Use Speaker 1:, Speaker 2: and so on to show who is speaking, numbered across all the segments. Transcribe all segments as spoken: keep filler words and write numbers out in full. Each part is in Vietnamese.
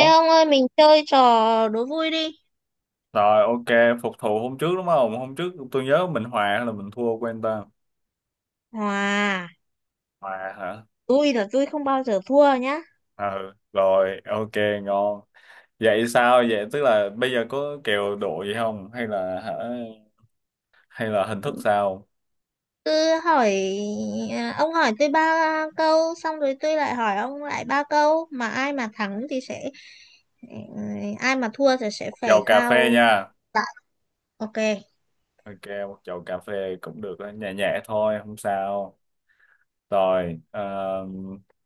Speaker 1: Ê ông ơi, mình chơi trò đố vui đi.
Speaker 2: rồi, ok, phục thù hôm trước đúng không? Hôm trước tôi nhớ mình hòa hay là mình thua quên ta.
Speaker 1: Hòa.
Speaker 2: Hòa hả?
Speaker 1: Vui là vui không bao giờ thua nhá.
Speaker 2: Ừ, rồi, ok, ngon. Vậy sao? Vậy tức là bây giờ có kèo độ gì không? Hay là hả? Hay là hình thức sao?
Speaker 1: Cứ hỏi. À, ông hỏi tôi ba câu. Xong rồi tôi lại hỏi ông lại ba câu. Mà ai mà thắng thì sẽ, ừ, ai mà thua thì sẽ phải
Speaker 2: Chầu cà phê
Speaker 1: khao
Speaker 2: nha.
Speaker 1: lại. Ok.
Speaker 2: Ok, một chầu cà phê cũng được, đó, nhẹ nhẹ thôi, không sao. Rồi, ờ,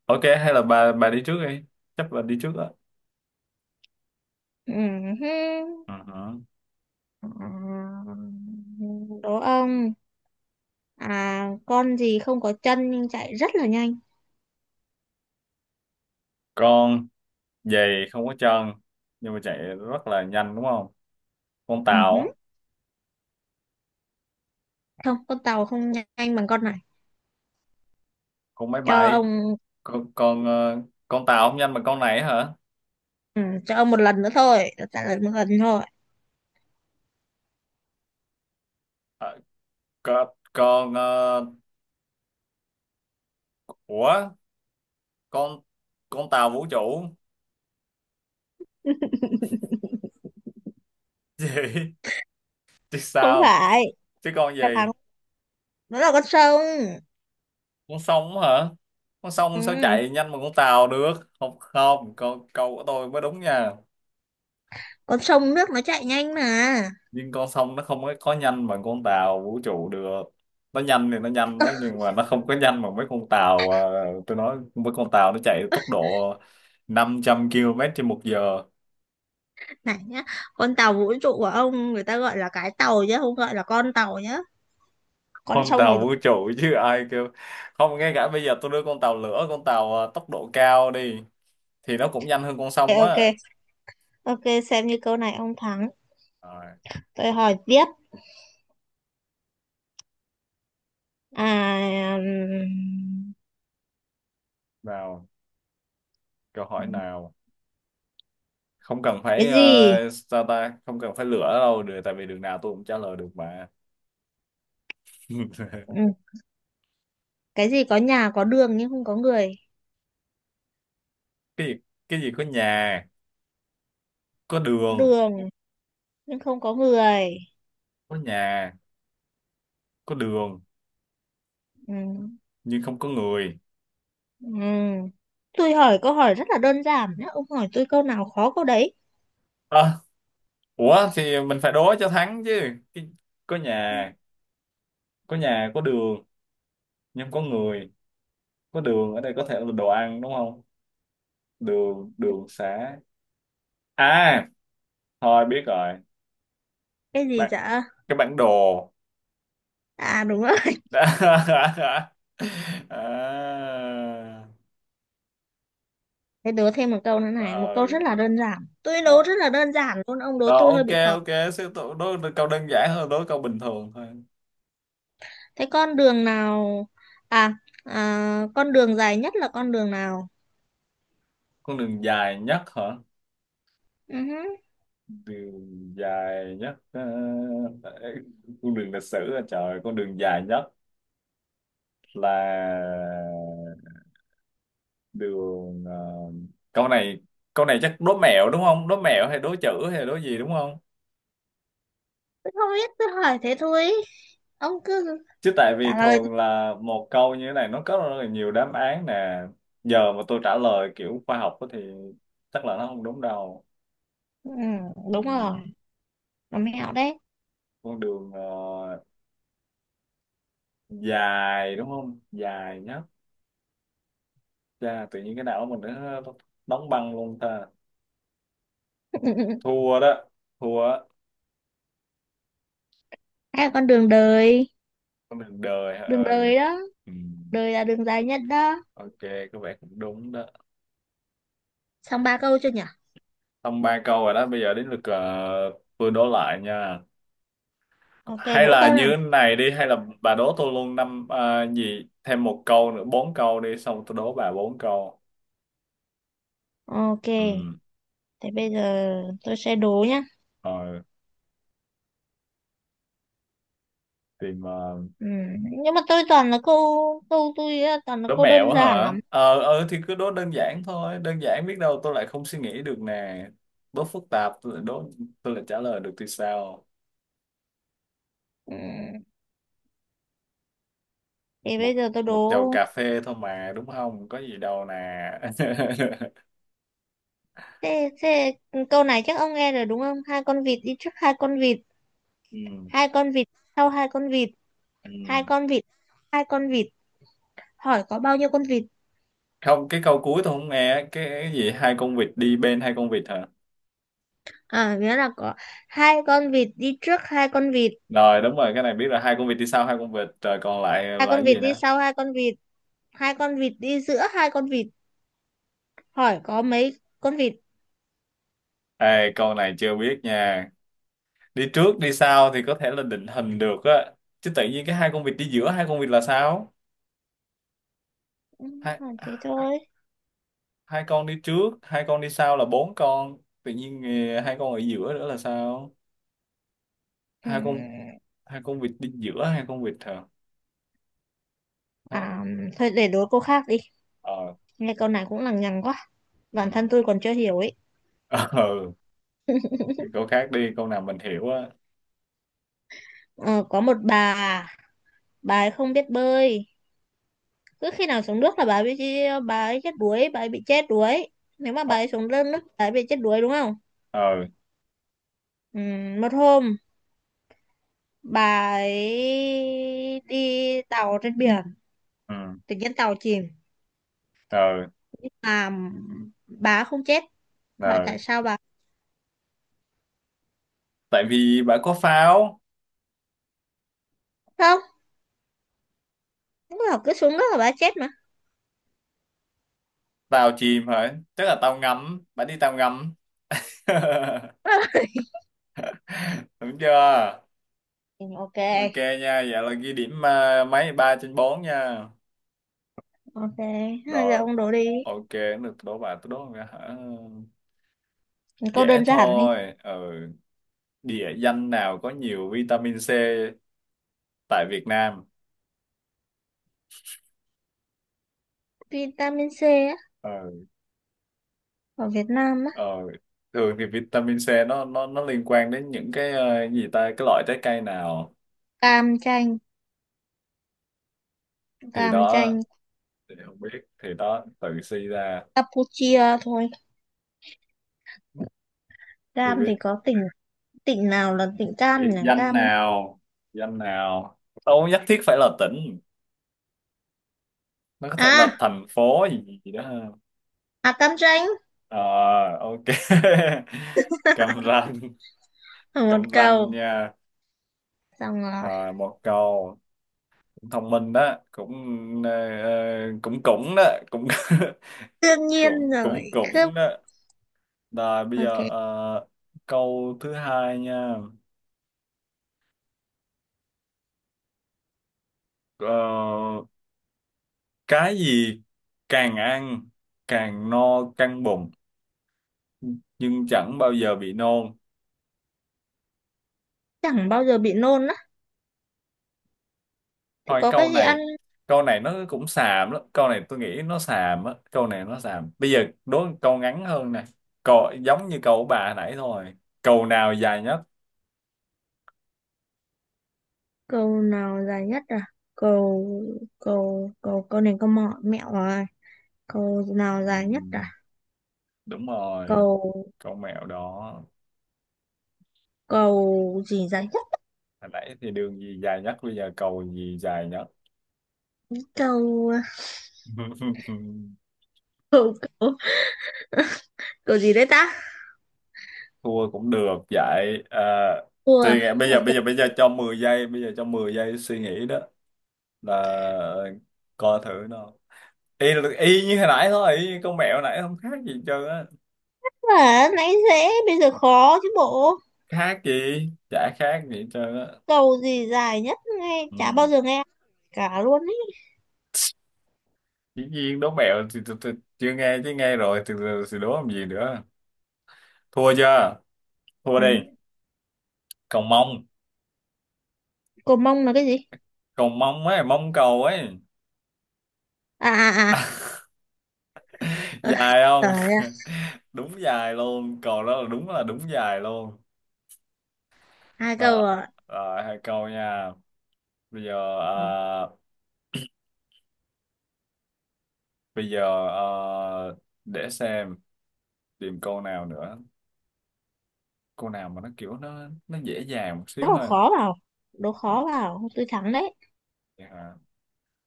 Speaker 2: ok, hay là bà bà đi trước đi. Chắc là đi trước đó.
Speaker 1: Ừ hứ.
Speaker 2: Ừ hử.
Speaker 1: Ừ, đố ông. À, con gì không có chân nhưng chạy rất là nhanh?
Speaker 2: Con giày không có chân, nhưng mà chạy rất là nhanh đúng không? Con
Speaker 1: Ừ hứ.
Speaker 2: tàu.
Speaker 1: Không, con tàu không nhanh bằng con này.
Speaker 2: Con máy
Speaker 1: Cho
Speaker 2: bay.
Speaker 1: ông.
Speaker 2: con con ờ, con tàu không nhanh bằng con này hả?
Speaker 1: Ừ, cho ông một lần nữa thôi, tôi trả lời một lần thôi.
Speaker 2: Ờ, con con ờ, ủa, con con tàu vũ trụ. Gì chứ
Speaker 1: Không
Speaker 2: sao,
Speaker 1: phải,
Speaker 2: chứ con
Speaker 1: đáp
Speaker 2: gì?
Speaker 1: án nó là con sông.
Speaker 2: Con sông hả? Con
Speaker 1: Ừ,
Speaker 2: sông sao chạy nhanh bằng con tàu được. Không, không, câu câu của tôi mới đúng nha.
Speaker 1: con sông nước nó chạy nhanh mà.
Speaker 2: Nhưng con sông nó không có có nhanh bằng con tàu vũ trụ được. Nó nhanh thì nó nhanh đó, nhưng mà nó không có nhanh bằng mấy con tàu. À, tôi nói mấy con tàu nó chạy tốc độ năm trăm ki lô mét trên một giờ.
Speaker 1: Này nhá, con tàu vũ trụ của ông người ta gọi là cái tàu chứ không gọi là con tàu nhá. Con
Speaker 2: Con
Speaker 1: sông
Speaker 2: tàu
Speaker 1: thì
Speaker 2: vũ trụ chứ ai kêu. Không, ngay cả bây giờ tôi đưa con tàu lửa, con tàu à, tốc độ cao đi thì nó cũng nhanh hơn con
Speaker 1: ok,
Speaker 2: sông á.
Speaker 1: ok, ok, xem như câu này ông thắng.
Speaker 2: Rồi,
Speaker 1: Tôi hỏi tiếp. À,
Speaker 2: nào, câu hỏi
Speaker 1: ừm,
Speaker 2: nào? Không cần
Speaker 1: cái
Speaker 2: phải
Speaker 1: gì?
Speaker 2: ờ, sao ta, không cần phải lửa đâu được, tại vì đường nào tôi cũng trả lời được mà.
Speaker 1: Ừ, cái gì có nhà có đường nhưng không có người?
Speaker 2: Cái gì? Cái gì có nhà có đường?
Speaker 1: Đường nhưng không có người.
Speaker 2: Có nhà, có đường
Speaker 1: Ừ.
Speaker 2: nhưng không có người.
Speaker 1: Ừm, Tôi hỏi câu hỏi rất là đơn giản nhá. Ông hỏi tôi câu nào khó câu đấy.
Speaker 2: À, ủa thì mình phải đố cho thắng chứ. Cái- có nhà, có nhà có đường nhưng không có người. Có đường ở đây có thể là đồ ăn đúng không? Đường, đường xá. À, thôi biết rồi.
Speaker 1: Cái gì
Speaker 2: Bạn,
Speaker 1: dạ?
Speaker 2: cái bản đồ.
Speaker 1: À, đúng rồi.
Speaker 2: À,
Speaker 1: Thế đố thêm một câu nữa này. Một câu
Speaker 2: rồi,
Speaker 1: rất là đơn giản. Tôi đố
Speaker 2: rồi.
Speaker 1: rất là đơn giản luôn. Ông đố
Speaker 2: Rồi,
Speaker 1: tôi hơi
Speaker 2: ok,
Speaker 1: bị khó.
Speaker 2: ok, sẽ đố, đố câu đơn giản hơn, đố câu bình thường thôi.
Speaker 1: Thế con đường nào... À, à con đường dài nhất là con đường nào?
Speaker 2: Con đường dài nhất hả?
Speaker 1: Ừ hứ.
Speaker 2: Đường dài nhất, ờ, tại- cung đường lịch sử à, trời, con đường dài nhất là đường. ờ, Câu này, câu này chắc đố mẹo đúng không? Đố mẹo hay đố chữ hay đố gì đúng không?
Speaker 1: Tôi không biết. Tôi hỏi thế thôi. Ông cứ
Speaker 2: Chứ tại vì
Speaker 1: trả lời.
Speaker 2: thường là một câu như thế này nó có rất là nhiều đáp án nè. Giờ mà tôi trả lời kiểu khoa học á thì chắc là nó không đúng đâu.
Speaker 1: Ừ,
Speaker 2: Ừ.
Speaker 1: đúng rồi. Nó mẹo đấy.
Speaker 2: Con đường ờ, dài đúng không, dài nhất. Chà, tự nhiên cái não mình nó nó đóng băng luôn ta. Thua đó, thua á.
Speaker 1: Hay là con đường đời.
Speaker 2: Con đường đời hả?
Speaker 1: Đường
Speaker 2: Ừ.
Speaker 1: đời đó.
Speaker 2: Ừ.
Speaker 1: Đời là đường dài nhất đó.
Speaker 2: Ok, có vẻ cũng đúng đó.
Speaker 1: Xong ba câu chưa nhỉ?
Speaker 2: Xong ba câu rồi đó, bây giờ đến lượt, ờ, tôi đố lại nha.
Speaker 1: Ok,
Speaker 2: Hay
Speaker 1: đố
Speaker 2: là
Speaker 1: câu
Speaker 2: như
Speaker 1: nào?
Speaker 2: thế này đi, hay là bà đố tôi luôn năm, ờ, gì, thêm một câu nữa, bốn câu đi, xong tôi đố bà bốn câu.
Speaker 1: Ok,
Speaker 2: Ừ,
Speaker 1: thế bây giờ tôi sẽ đố nhá.
Speaker 2: rồi, tìm. Uh,
Speaker 1: Ừ. Nhưng mà tôi toàn là câu câu tôi á, toàn là
Speaker 2: đố
Speaker 1: câu
Speaker 2: mẹo
Speaker 1: đơn
Speaker 2: á
Speaker 1: giản
Speaker 2: hả?
Speaker 1: lắm.
Speaker 2: ờ ừ, thì cứ đố đơn giản thôi, đơn giản biết đâu tôi lại không suy nghĩ được nè. Đố phức tạp tôi lại đố, tôi lại trả lời được thì sao.
Speaker 1: Ừ. Thì
Speaker 2: Một
Speaker 1: bây giờ tôi
Speaker 2: Một chầu
Speaker 1: đố
Speaker 2: cà phê thôi mà đúng không, có gì đâu nè.
Speaker 1: thế, thế câu này chắc ông nghe rồi đúng không? Hai con vịt đi trước hai con vịt,
Speaker 2: Ừ,
Speaker 1: hai con vịt sau hai con vịt,
Speaker 2: ừ.
Speaker 1: hai con vịt, hai con vịt. Hỏi có bao nhiêu con vịt?
Speaker 2: Không, cái câu cuối tôi không nghe, cái cái gì hai con vịt đi bên hai con vịt hả?
Speaker 1: À, nghĩa là có hai con vịt đi trước hai con vịt,
Speaker 2: Rồi, đúng rồi, cái này biết là hai con vịt đi sau hai con vịt rồi, còn lại
Speaker 1: hai
Speaker 2: là
Speaker 1: con
Speaker 2: cái
Speaker 1: vịt
Speaker 2: gì
Speaker 1: đi
Speaker 2: nữa?
Speaker 1: sau hai con vịt, hai con vịt đi giữa hai con vịt. Hỏi có mấy con vịt?
Speaker 2: Ê, câu này chưa biết nha. Đi trước đi sau thì có thể là định hình được á, chứ tự nhiên cái hai con vịt đi giữa hai con vịt là sao?
Speaker 1: Ừ,
Speaker 2: Hai,
Speaker 1: thế thôi.
Speaker 2: hai con đi trước, hai con đi sau là bốn con, tự nhiên eh, hai con ở giữa nữa là sao?
Speaker 1: Ừ.
Speaker 2: Hai con, hai con vịt đi giữa hai con vịt hả? Hai-
Speaker 1: À, thôi để đố câu khác đi,
Speaker 2: ờ
Speaker 1: nghe câu này cũng lằng nhằng quá, bản
Speaker 2: ừ.
Speaker 1: thân tôi còn chưa hiểu ấy.
Speaker 2: ờ ừ, câu khác đi, câu nào mình hiểu á.
Speaker 1: ờ, có một bà bà ấy không biết bơi, cứ khi nào xuống nước là bà ấy bị, bà ấy chết đuối, bà ấy bị chết đuối. Nếu mà
Speaker 2: Ờ.
Speaker 1: bà ấy xuống lên nước bà ấy bị chết đuối đúng không?
Speaker 2: Ờ.
Speaker 1: Ừ, một hôm bà ấy đi tàu trên biển,
Speaker 2: Ừ.
Speaker 1: tự nhiên tàu chìm
Speaker 2: Ờ.
Speaker 1: nhưng mà bà ấy không chết. Hỏi
Speaker 2: Ờ.
Speaker 1: tại sao? Bà
Speaker 2: Tại vì bà có pháo.
Speaker 1: không, lúc nào cứ xuống nước là bà ấy chết mà.
Speaker 2: Tàu chìm hả? Tức là tàu ngầm, bà đi tàu ngầm. Đúng chưa?
Speaker 1: Ừ, ok.
Speaker 2: Ok nha, vậy là ghi điểm, à, mấy ba trên bốn nha.
Speaker 1: Ok, hai, giờ
Speaker 2: Rồi,
Speaker 1: ông đố đi.
Speaker 2: ok, được, đố bà, tôi đố bà hả?
Speaker 1: Câu
Speaker 2: Dễ
Speaker 1: đơn giản thôi.
Speaker 2: thôi, ừ. Địa danh nào có nhiều vitamin C tại Việt Nam?
Speaker 1: Vitamin C á,
Speaker 2: Ừ.
Speaker 1: ở Việt Nam á,
Speaker 2: Ờ, thường thì vitamin C nó nó nó liên quan đến những cái, ờ, gì ta, cái loại trái cây nào?
Speaker 1: cam chanh,
Speaker 2: Thì
Speaker 1: cam
Speaker 2: đó.
Speaker 1: chanh,
Speaker 2: Thì không biết, thì đó tự suy ra.
Speaker 1: Campuchia thôi.
Speaker 2: Thì
Speaker 1: Cam
Speaker 2: biết,
Speaker 1: thì có tỉnh tỉnh nào là tỉnh cam
Speaker 2: biết
Speaker 1: nhỉ?
Speaker 2: danh
Speaker 1: Cam.
Speaker 2: nào, danh nào, đâu có nhất thiết phải là tỉnh, nó có thể là
Speaker 1: à,
Speaker 2: thành phố gì, gì đó ha.
Speaker 1: à Cam chanh
Speaker 2: Ờ, ok. Cam Ranh,
Speaker 1: ở một
Speaker 2: Cam Ranh
Speaker 1: cầu.
Speaker 2: nha.
Speaker 1: Xong rồi.
Speaker 2: Rồi, một câu cũng thông minh đó, cũng ờ, ờ, cũng cũng đó, cũng
Speaker 1: Đương nhiên
Speaker 2: cũng
Speaker 1: rồi.
Speaker 2: cũng
Speaker 1: Khớp.
Speaker 2: cũng đó. Rồi bây
Speaker 1: Ok,
Speaker 2: giờ, ờ, câu thứ hai nha. Ờ, cái gì càng ăn càng no căng bụng nhưng chẳng bao giờ bị nôn?
Speaker 1: chẳng bao giờ bị nôn á. Thì
Speaker 2: Thôi
Speaker 1: có
Speaker 2: câu
Speaker 1: cái gì ăn
Speaker 2: này, câu này nó cũng xàm lắm. Câu này tôi nghĩ nó xàm á, câu này nó xàm. Bây giờ đố câu ngắn hơn nè. Câu giống như câu của bà hồi nãy thôi. Câu nào dài nhất?
Speaker 1: cầu nào dài nhất à? Cầu cầu cầu cầu này câu mọ mẹo rồi. Cầu nào
Speaker 2: Ừ,
Speaker 1: dài nhất à?
Speaker 2: đúng rồi,
Speaker 1: Cầu
Speaker 2: câu mẹo đó.
Speaker 1: cầu gì dài nhất?
Speaker 2: Hồi nãy thì đường gì dài nhất, bây giờ cầu gì dài nhất?
Speaker 1: Câu câu câu, câu gì đấy ta?
Speaker 2: Thua cũng được vậy à,
Speaker 1: Cua
Speaker 2: suy nghĩ, bây
Speaker 1: à?
Speaker 2: giờ,
Speaker 1: Ok.
Speaker 2: bây giờ bây giờ cho mười giây, bây giờ cho mười giây suy nghĩ đó. Là coi thử nó y, y như hồi nãy thôi, y như con mẹo nãy không khác gì hết trơn á.
Speaker 1: Mà nãy dễ bây giờ khó chứ bộ.
Speaker 2: Khác gì, chả khác gì hết trơn á.
Speaker 1: Cầu gì dài nhất nghe
Speaker 2: Ừ.
Speaker 1: chả bao giờ nghe cả luôn ấy.
Speaker 2: Dĩ nhiên đố mẹo thì, thì, thì chưa nghe, chứ nghe rồi thì, thì, thì đố làm gì nữa. Thua chưa, thua đi.
Speaker 1: Ừ.
Speaker 2: Cầu mông.
Speaker 1: Cầu mông là cái gì?
Speaker 2: Cầu mông ấy, mông cầu ấy.
Speaker 1: À à à. Ờ,
Speaker 2: Dài
Speaker 1: trời
Speaker 2: không?
Speaker 1: ơi,
Speaker 2: Đúng dài luôn, cầu đó là đúng, là đúng dài luôn.
Speaker 1: hai câu
Speaker 2: Đó,
Speaker 1: rồi.
Speaker 2: rồi hai câu nha. Bây giờ
Speaker 1: Ờ,
Speaker 2: à, bây giờ à, để xem, tìm câu nào nữa. Câu nào mà nó kiểu nó nó dễ dàng một
Speaker 1: đố
Speaker 2: xíu
Speaker 1: vào
Speaker 2: thôi.
Speaker 1: khó vào, đố
Speaker 2: Ừ,
Speaker 1: khó vào tôi thắng đấy.
Speaker 2: vậy hả?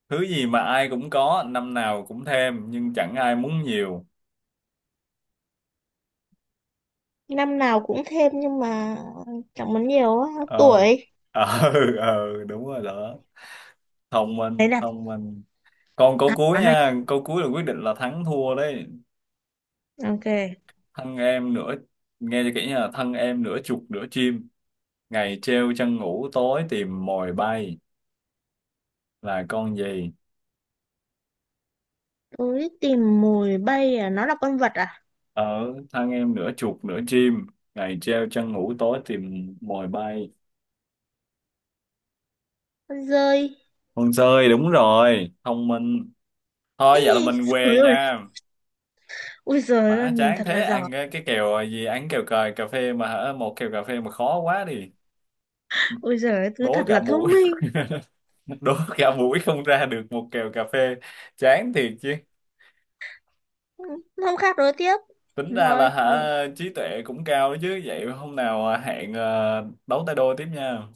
Speaker 2: Thứ gì mà ai cũng có, năm nào cũng thêm nhưng chẳng ai muốn nhiều?
Speaker 1: Năm nào cũng thêm nhưng mà chẳng muốn nhiều á.
Speaker 2: Ờ.
Speaker 1: Tuổi.
Speaker 2: Ờ ờ đúng rồi đó. Thông
Speaker 1: Đấy
Speaker 2: minh,
Speaker 1: là
Speaker 2: thông minh. Còn câu
Speaker 1: đáp
Speaker 2: cuối
Speaker 1: án này.
Speaker 2: nha, câu cuối là quyết định là thắng thua đấy.
Speaker 1: Ok.
Speaker 2: Thân em nửa, nghe cho kỹ nha, thân em nửa chuột nửa chim, ngày treo chân ngủ tối tìm mồi bay, là con gì?
Speaker 1: Tôi tìm mồi bay à, nó là con vật à?
Speaker 2: Ở thân em nửa chuột nửa chim, ngày treo chân ngủ tối tìm mồi bay.
Speaker 1: Con dơi.
Speaker 2: Con sơi, đúng rồi, thông minh. Thôi
Speaker 1: Ê,
Speaker 2: vậy là mình
Speaker 1: trời
Speaker 2: què
Speaker 1: ơi.
Speaker 2: nha.
Speaker 1: Ui giời ơi,
Speaker 2: Má
Speaker 1: mình
Speaker 2: chán
Speaker 1: thật
Speaker 2: thế,
Speaker 1: là giỏi.
Speaker 2: ăn cái, cái kèo gì, ăn kèo cờ cà phê mà hả, một kèo cà phê mà khó quá đi.
Speaker 1: Ui giời ơi, cứ
Speaker 2: Đố
Speaker 1: thật
Speaker 2: cả
Speaker 1: là
Speaker 2: buổi,
Speaker 1: thông minh.
Speaker 2: đố cả buổi không ra được một kèo cà phê, chán thiệt chứ.
Speaker 1: Ừ, hôm khác đối tiếp.
Speaker 2: Tính ra là
Speaker 1: Thôi không.
Speaker 2: hả, trí tuệ cũng cao đó chứ, vậy hôm nào à, hẹn, ờ, đấu tay đôi tiếp nha.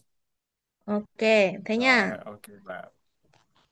Speaker 1: Ok, thế nha.
Speaker 2: Rồi, ok, bye.